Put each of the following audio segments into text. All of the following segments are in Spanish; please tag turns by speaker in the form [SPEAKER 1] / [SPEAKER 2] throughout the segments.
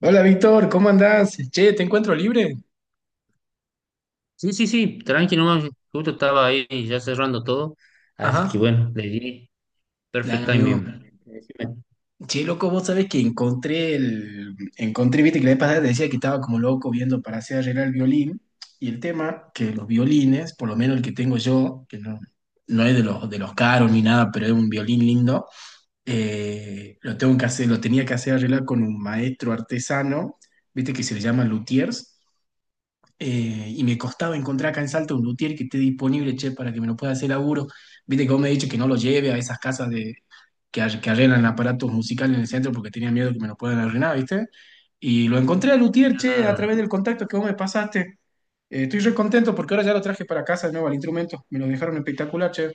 [SPEAKER 1] Hola Víctor, ¿cómo andás? Che, te encuentro libre.
[SPEAKER 2] Sí, sí, sí, tranqui nomás, justo estaba ahí ya cerrando todo, así que
[SPEAKER 1] Ajá.
[SPEAKER 2] bueno, le di perfect
[SPEAKER 1] Dale, amigo.
[SPEAKER 2] timing. Decime.
[SPEAKER 1] Che, loco, vos sabés que encontré el. encontré, viste que la vez pasada te decía que estaba como loco viendo para hacer arreglar el violín. Y el tema, que los violines, por lo menos el que tengo yo, que no es de los caros ni nada, pero es un violín lindo. Lo tenía que hacer arreglar con un maestro artesano, viste que se le llama luthiers. Y me costaba encontrar acá en Salta un luthier que esté disponible, che, para que me lo pueda hacer laburo. Viste que vos me has dicho que no lo lleve a esas casas que arreglan aparatos musicales en el centro porque tenía miedo que me lo puedan arruinar, ¿viste? Y lo encontré a luthier, che, a
[SPEAKER 2] Claro,
[SPEAKER 1] través del contacto que vos me pasaste. Estoy re contento porque ahora ya lo traje para casa de nuevo al instrumento. Me lo dejaron espectacular, che.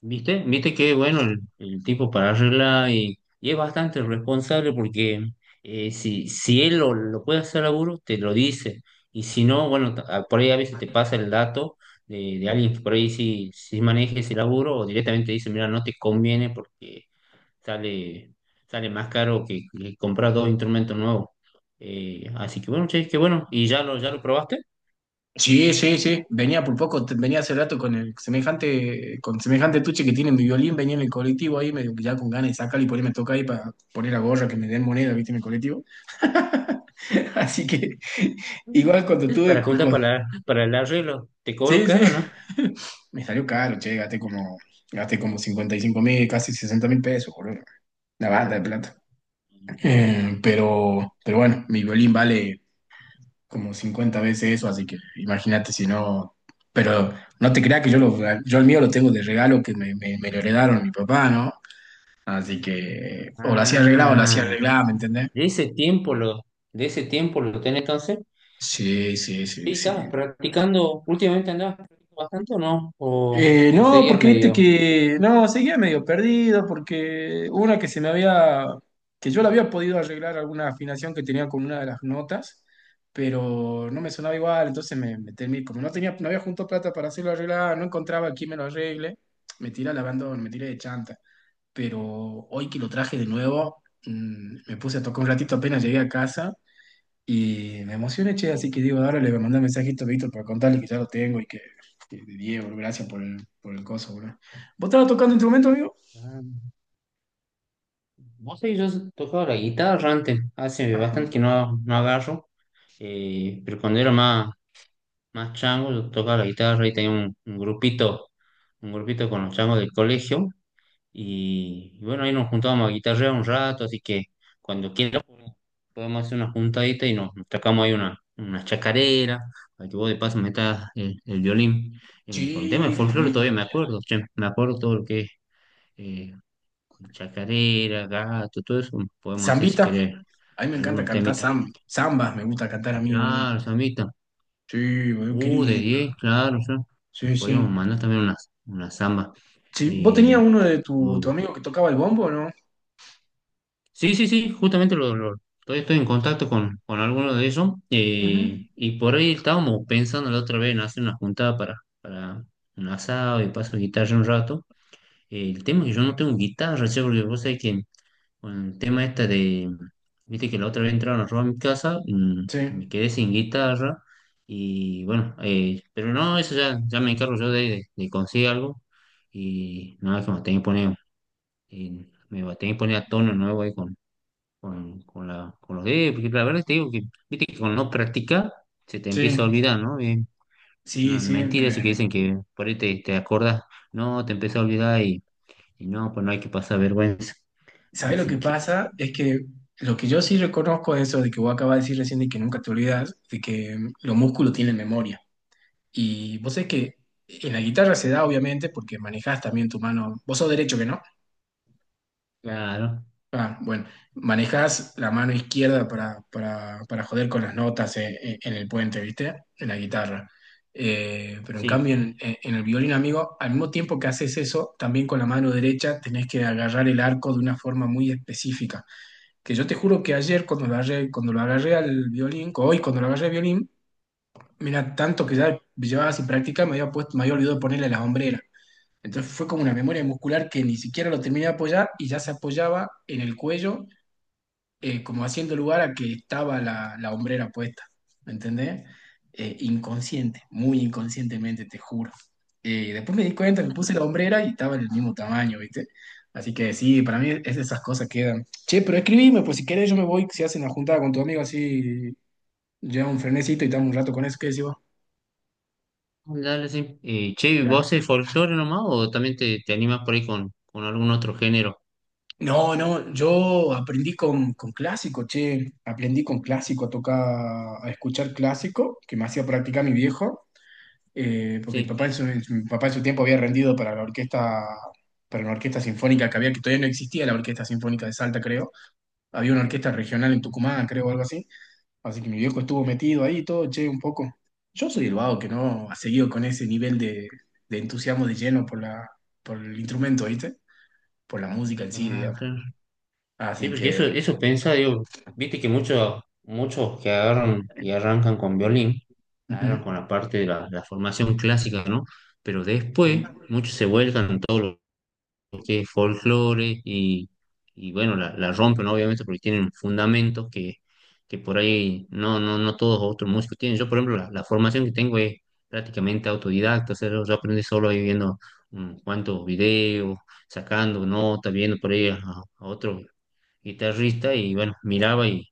[SPEAKER 2] ¿viste? ¿Viste que bueno el tipo para arreglar y es bastante responsable porque si, si él lo puede hacer seguro, te lo dice, y si no, bueno, por ahí a veces te pasa el dato de alguien que por ahí sí, sí maneja ese laburo o directamente te dice, mira, no te conviene porque sale, sale más caro que comprar dos instrumentos nuevos. Así que bueno, che, que bueno. ¿Y ya ya lo probaste?
[SPEAKER 1] Sí, sí, sí. Venía por poco, venía hace rato con semejante tuche que tiene mi violín, venía en el colectivo ahí, medio que ya con ganas de sacarlo y ponerme a tocar ahí para poner la gorra que me den moneda, viste, en el colectivo. Así que
[SPEAKER 2] Ujú.
[SPEAKER 1] igual cuando tuve.
[SPEAKER 2] Para juntar para el arreglo. ¿Te cobro
[SPEAKER 1] Sí, sí.
[SPEAKER 2] caro, no?
[SPEAKER 1] Me salió caro, che, gasté como 55.000, casi 60.000 pesos, boludo. La banda de plata. Pero bueno, mi violín vale como 50 veces eso, así que imagínate si no. Pero no te creas que yo el mío lo tengo de regalo que me lo heredaron mi papá, ¿no? Así que o lo hacía arreglado o lo hacía
[SPEAKER 2] Ah,
[SPEAKER 1] arreglado, ¿me entendés?
[SPEAKER 2] de ese tiempo de ese tiempo lo tenés entonces.
[SPEAKER 1] Sí, sí,
[SPEAKER 2] Che,
[SPEAKER 1] sí,
[SPEAKER 2] ¿y estabas
[SPEAKER 1] sí.
[SPEAKER 2] practicando? ¿Últimamente andabas practicando bastante o no? O
[SPEAKER 1] No,
[SPEAKER 2] seguías
[SPEAKER 1] porque viste
[SPEAKER 2] medio?
[SPEAKER 1] que, no, seguía medio perdido, porque una que yo la había podido arreglar alguna afinación que tenía con una de las notas, pero no me sonaba igual, entonces me temí, como no había junto plata para hacerlo arreglar, no encontraba quién me lo arregle, me tiré al abandono, me tiré de chanta, pero hoy que lo traje de nuevo, me puse a tocar un ratito apenas llegué a casa y me emocioné, che, así que digo, ahora le voy a mandar un mensajito a Víctor para contarle que ya lo tengo y que de Diego, gracias por el coso, boludo. ¿Vos estabas tocando instrumento, amigo?
[SPEAKER 2] Ah, vos sabés, yo tocaba la guitarra antes, hace bastante que
[SPEAKER 1] Ajá.
[SPEAKER 2] no, no agarro, pero cuando era más, más chango, yo tocaba la guitarra y tenía un grupito, un grupito con los changos del colegio. Y bueno, ahí nos juntábamos a guitarrear un rato, así que cuando quieras podemos hacer una juntadita y nos, nos tocamos ahí una chacarera, para que vos de paso metas el violín con tema de
[SPEAKER 1] Sí, sí,
[SPEAKER 2] folclore,
[SPEAKER 1] sí.
[SPEAKER 2] todavía me acuerdo, che, me acuerdo todo lo que es eh, chacarera, gato, todo eso, podemos hacer si
[SPEAKER 1] Zambita.
[SPEAKER 2] querés
[SPEAKER 1] A mí me encanta
[SPEAKER 2] algunos
[SPEAKER 1] cantar
[SPEAKER 2] temitas.
[SPEAKER 1] zambas, me gusta cantar a mí, boludo.
[SPEAKER 2] Claro, Samita.
[SPEAKER 1] Sí, boludo, qué
[SPEAKER 2] De
[SPEAKER 1] lindo.
[SPEAKER 2] 10 claro, sí.
[SPEAKER 1] Sí, sí.
[SPEAKER 2] Podríamos mandar también unas zambas.
[SPEAKER 1] Sí, ¿vos tenías
[SPEAKER 2] Eh,
[SPEAKER 1] uno de tu
[SPEAKER 2] pero-
[SPEAKER 1] amigo que tocaba el bombo, no?
[SPEAKER 2] sí, sí, sí, justamente todavía estoy en contacto con algunos de ellos.
[SPEAKER 1] Ujú.
[SPEAKER 2] Y por ahí estábamos pensando la otra vez en hacer una juntada para un asado y paso guitarra un rato. El tema es que yo no tengo guitarra, che, porque vos sabés que con el tema este de, viste que la otra vez entraron a robar mi casa,
[SPEAKER 1] Sí,
[SPEAKER 2] me quedé sin guitarra y bueno, pero no, eso ya, ya me encargo yo de, de conseguir algo y nada, que me tenía que poner, me va a tener que poner a tono nuevo ahí con la, con los dedos, porque la verdad te digo que, viste que con no practicar se te empieza a
[SPEAKER 1] sí,
[SPEAKER 2] olvidar, ¿no?
[SPEAKER 1] sí,
[SPEAKER 2] No,
[SPEAKER 1] sí.
[SPEAKER 2] mentira eso que dicen que por ahí te, te acordás, no, te empieza a olvidar y no, pues no hay que pasar vergüenza.
[SPEAKER 1] ¿Sabes lo que
[SPEAKER 2] Así que...
[SPEAKER 1] pasa? Es que lo que yo sí reconozco es eso de que vos acabas de decir recién de que nunca te olvidas, de que los músculos tienen memoria. Y vos sabés que en la guitarra se da, obviamente, porque manejás también tu mano. Vos sos derecho, que ¿no?
[SPEAKER 2] Claro,
[SPEAKER 1] Ah, bueno, manejás la mano izquierda para joder con las notas, en el puente, ¿viste? En la guitarra. Pero en cambio,
[SPEAKER 2] sí,
[SPEAKER 1] en el violín, amigo, al mismo tiempo que haces eso, también con la mano derecha tenés que agarrar el arco de una forma muy específica, que yo te juro que ayer cuando lo agarré al violín, o hoy cuando lo agarré al violín, mira, tanto que ya llevaba sin práctica, me había olvidado ponerle las hombreras. Entonces fue como una memoria muscular que ni siquiera lo terminé de apoyar y ya se apoyaba en el cuello, como haciendo lugar a que estaba la hombrera puesta, ¿me entendés? Inconsciente, muy inconscientemente, te juro. Después me di cuenta, me puse la hombrera y estaba del mismo tamaño, ¿viste? Así que sí, para mí es de esas cosas que quedan. Che, pero escribime, pues si querés yo me voy, si hacen la juntada con tu amigo así, lleva un frenecito y estamos un rato con eso, ¿qué decís vos?
[SPEAKER 2] dale, sí. Che,
[SPEAKER 1] Ya.
[SPEAKER 2] ¿vos el folclore nomás o también te animas por ahí con algún otro género?
[SPEAKER 1] No, no, yo aprendí con clásico, che, aprendí con clásico a tocar, a escuchar clásico, que me hacía practicar mi viejo. Porque mi papá
[SPEAKER 2] Sí,
[SPEAKER 1] en su, mi papá en su tiempo había rendido para una orquesta sinfónica que había, que todavía no existía la Orquesta Sinfónica de Salta, creo. Había una orquesta regional en Tucumán, creo, o algo así. Así que mi viejo estuvo metido ahí y todo, che, un poco. Yo soy el vago que no ha seguido con ese nivel de entusiasmo de lleno por el instrumento, ¿viste? Por la música en sí,
[SPEAKER 2] claro,
[SPEAKER 1] digamos.
[SPEAKER 2] claro. Sí,
[SPEAKER 1] Así
[SPEAKER 2] porque eso,
[SPEAKER 1] que...
[SPEAKER 2] eso pensaba, digo, viste que muchos, muchos que agarran y arrancan con violín,
[SPEAKER 1] Ujú.
[SPEAKER 2] agarran con la parte de la formación clásica, ¿no? Pero
[SPEAKER 1] Sí.
[SPEAKER 2] después muchos se vuelcan en todo lo que es folclore y bueno, la rompen, ¿no? Obviamente porque tienen fundamentos que por ahí no, no, no todos otros músicos tienen. Yo, por ejemplo, la formación que tengo es prácticamente autodidacta, o sea, yo aprendí solo ahí viendo unos cuantos videos, sacando notas, viendo por ahí a otro guitarrista y bueno, miraba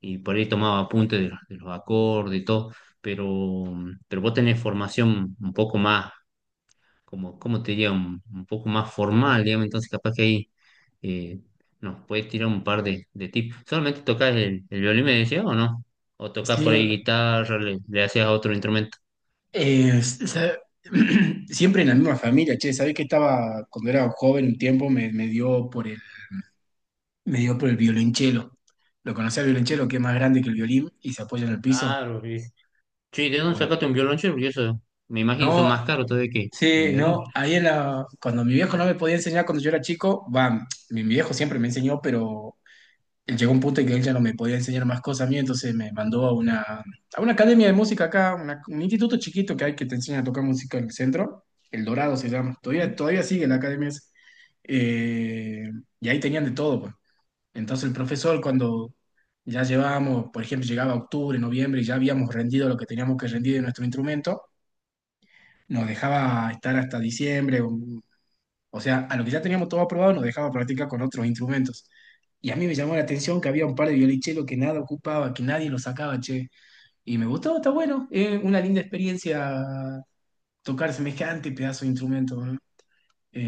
[SPEAKER 2] y por ahí tomaba apuntes de los acordes y todo, pero, pero vos tenés formación un poco más como, como te diría, un poco más formal, digamos, entonces capaz que ahí eh, nos puedes tirar un par de tips. ¿Solamente tocas el violín, me decías, o no? ¿O tocas por
[SPEAKER 1] Sí.
[SPEAKER 2] ahí guitarra, le hacías a otro instrumento?
[SPEAKER 1] Eh, s- sa- Siempre en la misma familia, che, ¿sabés que estaba, cuando era joven un tiempo, me dio por el violonchelo? ¿Lo conocés al violonchelo, que es más grande que el violín y se apoya en el piso?
[SPEAKER 2] Claro, sí. Sí, ¿de dónde
[SPEAKER 1] Bueno,
[SPEAKER 2] sacaste un violonchelo? Porque eso, me imagino, son
[SPEAKER 1] no,
[SPEAKER 2] más caros todavía que
[SPEAKER 1] sí,
[SPEAKER 2] un
[SPEAKER 1] no,
[SPEAKER 2] violín.
[SPEAKER 1] ahí cuando mi viejo no me podía enseñar cuando yo era chico, va, mi viejo siempre me enseñó, pero él llegó a un punto en que él ya no me podía enseñar más cosas a mí, entonces me mandó a una academia de música acá, un instituto chiquito que hay que te enseña a tocar música en el centro. El Dorado se llama, todavía sigue la academia esa. Eh, y ahí tenían de todo, pues. Entonces el profesor, cuando ya llevábamos, por ejemplo, llegaba octubre, noviembre y ya habíamos rendido lo que teníamos que rendir de nuestro instrumento, nos dejaba estar hasta diciembre, o sea, a lo que ya teníamos todo aprobado nos dejaba practicar con otros instrumentos. Y a mí me llamó la atención que había un par de violichelos que nada ocupaba, que nadie lo sacaba, che. Y me gustó, está bueno. Es una linda experiencia tocar semejante pedazo de instrumento, ¿no?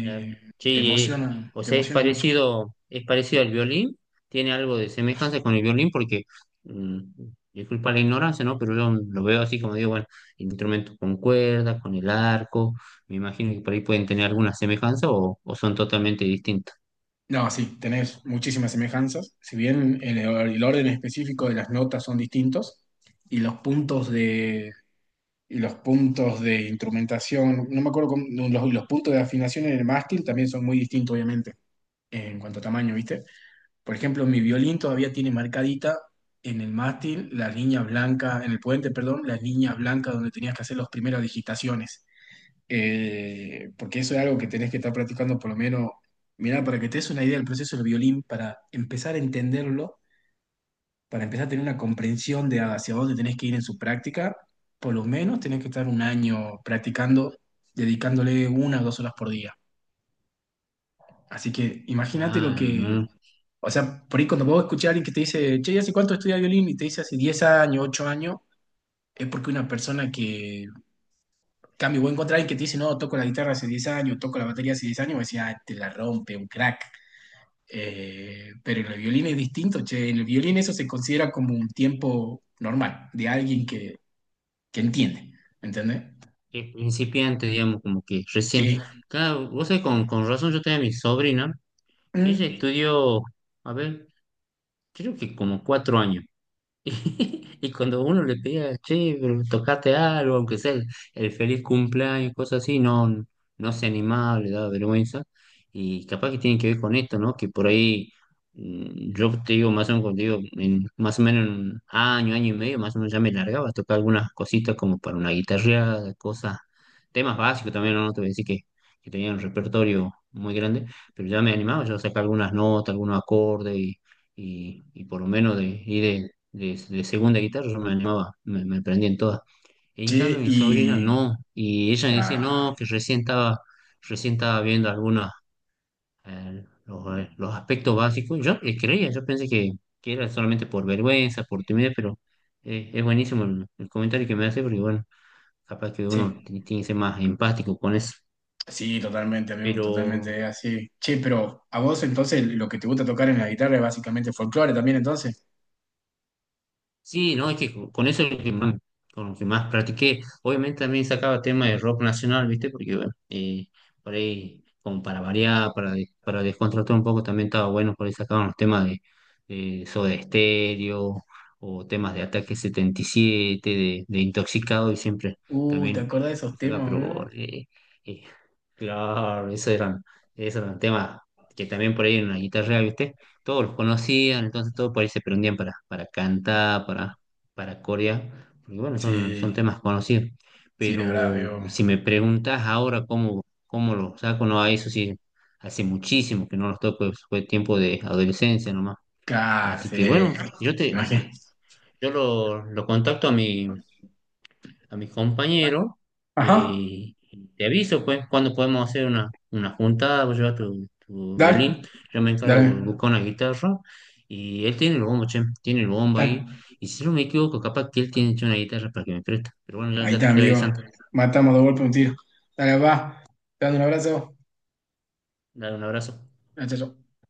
[SPEAKER 2] Claro.
[SPEAKER 1] Te
[SPEAKER 2] Sí,
[SPEAKER 1] emociona,
[SPEAKER 2] o
[SPEAKER 1] te
[SPEAKER 2] sea,
[SPEAKER 1] emociona mucho.
[SPEAKER 2] es parecido al violín, tiene algo de semejanza con el violín porque, mm, disculpa la ignorancia, ¿no? Pero yo lo veo así como digo, bueno, instrumentos con cuerdas, con el arco, me imagino que por ahí pueden tener alguna semejanza o son totalmente distintas.
[SPEAKER 1] No, sí, tenés muchísimas semejanzas. Si bien el orden específico de las notas son distintos y los puntos de instrumentación, no me acuerdo no, los puntos de afinación en el mástil también son muy distintos, obviamente, en cuanto a tamaño, ¿viste? Por ejemplo, mi violín todavía tiene marcadita en el mástil las líneas blancas, en el puente, perdón, las líneas blancas donde tenías que hacer las primeras digitaciones. Porque eso es algo que tenés que estar practicando por lo menos, mirá, para que te des una idea del proceso del violín, para empezar a entenderlo, para empezar a tener una comprensión de hacia dónde tenés que ir en su práctica, por lo menos tenés que estar un año practicando, dedicándole 1 o 2 horas por día. Así que imagínate lo
[SPEAKER 2] Claro,
[SPEAKER 1] que,
[SPEAKER 2] ¿no?
[SPEAKER 1] o sea, por ahí cuando vos escuchás a alguien que te dice, che, y ¿hace cuánto estudia violín? Y te dice hace 10 años, 8 años. Es porque una persona que, cambio, voy a encontrar a alguien que te dice, no, toco la guitarra hace 10 años, toco la batería hace 10 años, y decía, ah, te la rompe, un crack. Pero en el violín es distinto, che, en el violín eso se considera como un tiempo normal, de alguien que entiende, ¿entiendes?
[SPEAKER 2] Es principiante, digamos, como que recién.
[SPEAKER 1] Sí.
[SPEAKER 2] Claro, vos sabés, con razón yo tenía a mi sobrina, que ella
[SPEAKER 1] Mm,
[SPEAKER 2] estudió, a ver, creo que como cuatro años. Y y cuando uno le pedía, che, pero tocaste algo, aunque sea el feliz cumpleaños, cosas así, no, no se animaba, le daba vergüenza. Y capaz que tiene que ver con esto, ¿no? Que por ahí, yo te digo, más o menos, contigo, en, más o menos en un año, año y medio, más o menos ya me largaba a tocar algunas cositas como para una guitarreada, cosas, temas básicos también, no, no te voy a decir que tenía un repertorio muy grande, pero ya me animaba, yo sacaba algunas notas, algunos acordes y por lo menos de ir de segunda guitarra, yo me animaba, me prendía en todas. En
[SPEAKER 1] sí,
[SPEAKER 2] cambio, mi sobrina
[SPEAKER 1] y
[SPEAKER 2] no, y ella me decía, no,
[SPEAKER 1] ah,
[SPEAKER 2] que recién estaba viendo algunos los aspectos básicos. Yo le creía, yo pensé que era solamente por vergüenza, por timidez, pero es buenísimo el comentario que me hace, porque bueno, capaz que
[SPEAKER 1] sí,
[SPEAKER 2] uno tiene que ser más empático con eso.
[SPEAKER 1] sí, totalmente, amigo,
[SPEAKER 2] Pero
[SPEAKER 1] totalmente así. Che, pero a vos entonces lo que te gusta tocar en la guitarra es básicamente folclore también entonces.
[SPEAKER 2] sí, no, es que con eso es lo que más, con lo que más practiqué. Obviamente también sacaba temas de rock nacional, ¿viste? Porque, bueno, por ahí, como para variar, para, para descontractar un poco, también estaba bueno, por ahí sacaban los temas de Soda Stereo o temas de Ataque 77, de Intoxicado y siempre
[SPEAKER 1] ¿Te
[SPEAKER 2] también
[SPEAKER 1] acordás de esos
[SPEAKER 2] sacaba,
[SPEAKER 1] temas, bro?
[SPEAKER 2] eh, claro, esos eran temas que también por ahí en la guitarra, ¿viste? Todos los conocían, entonces todos por ahí se prendían para cantar, para corear, porque bueno, son, son
[SPEAKER 1] Sí,
[SPEAKER 2] temas conocidos.
[SPEAKER 1] sí, de verdad,
[SPEAKER 2] Pero
[SPEAKER 1] veo.
[SPEAKER 2] si me preguntas ahora cómo, cómo los saco, no, a eso sí, hace muchísimo que no los toco, fue tiempo de adolescencia nomás.
[SPEAKER 1] Claro,
[SPEAKER 2] Así
[SPEAKER 1] sí,
[SPEAKER 2] que bueno,
[SPEAKER 1] imagínate.
[SPEAKER 2] yo lo contacto a mi, a mis compañeros,
[SPEAKER 1] Ajá,
[SPEAKER 2] y te aviso pues cuando podemos hacer una juntada, vos llevas tu, tu violín,
[SPEAKER 1] dale,
[SPEAKER 2] yo me
[SPEAKER 1] dale,
[SPEAKER 2] encargo de buscar una guitarra y él tiene el bombo, che, tiene el bombo ahí
[SPEAKER 1] dale.
[SPEAKER 2] y si no me equivoco capaz que él tiene hecho una guitarra para que me presta, pero bueno, ya,
[SPEAKER 1] Ahí
[SPEAKER 2] ya te
[SPEAKER 1] está,
[SPEAKER 2] estoy
[SPEAKER 1] amigo.
[SPEAKER 2] avisando,
[SPEAKER 1] Matamos dos golpes un tiro. Dale, va. Te mando un abrazo.
[SPEAKER 2] dale un abrazo.
[SPEAKER 1] Ah, chao, chao.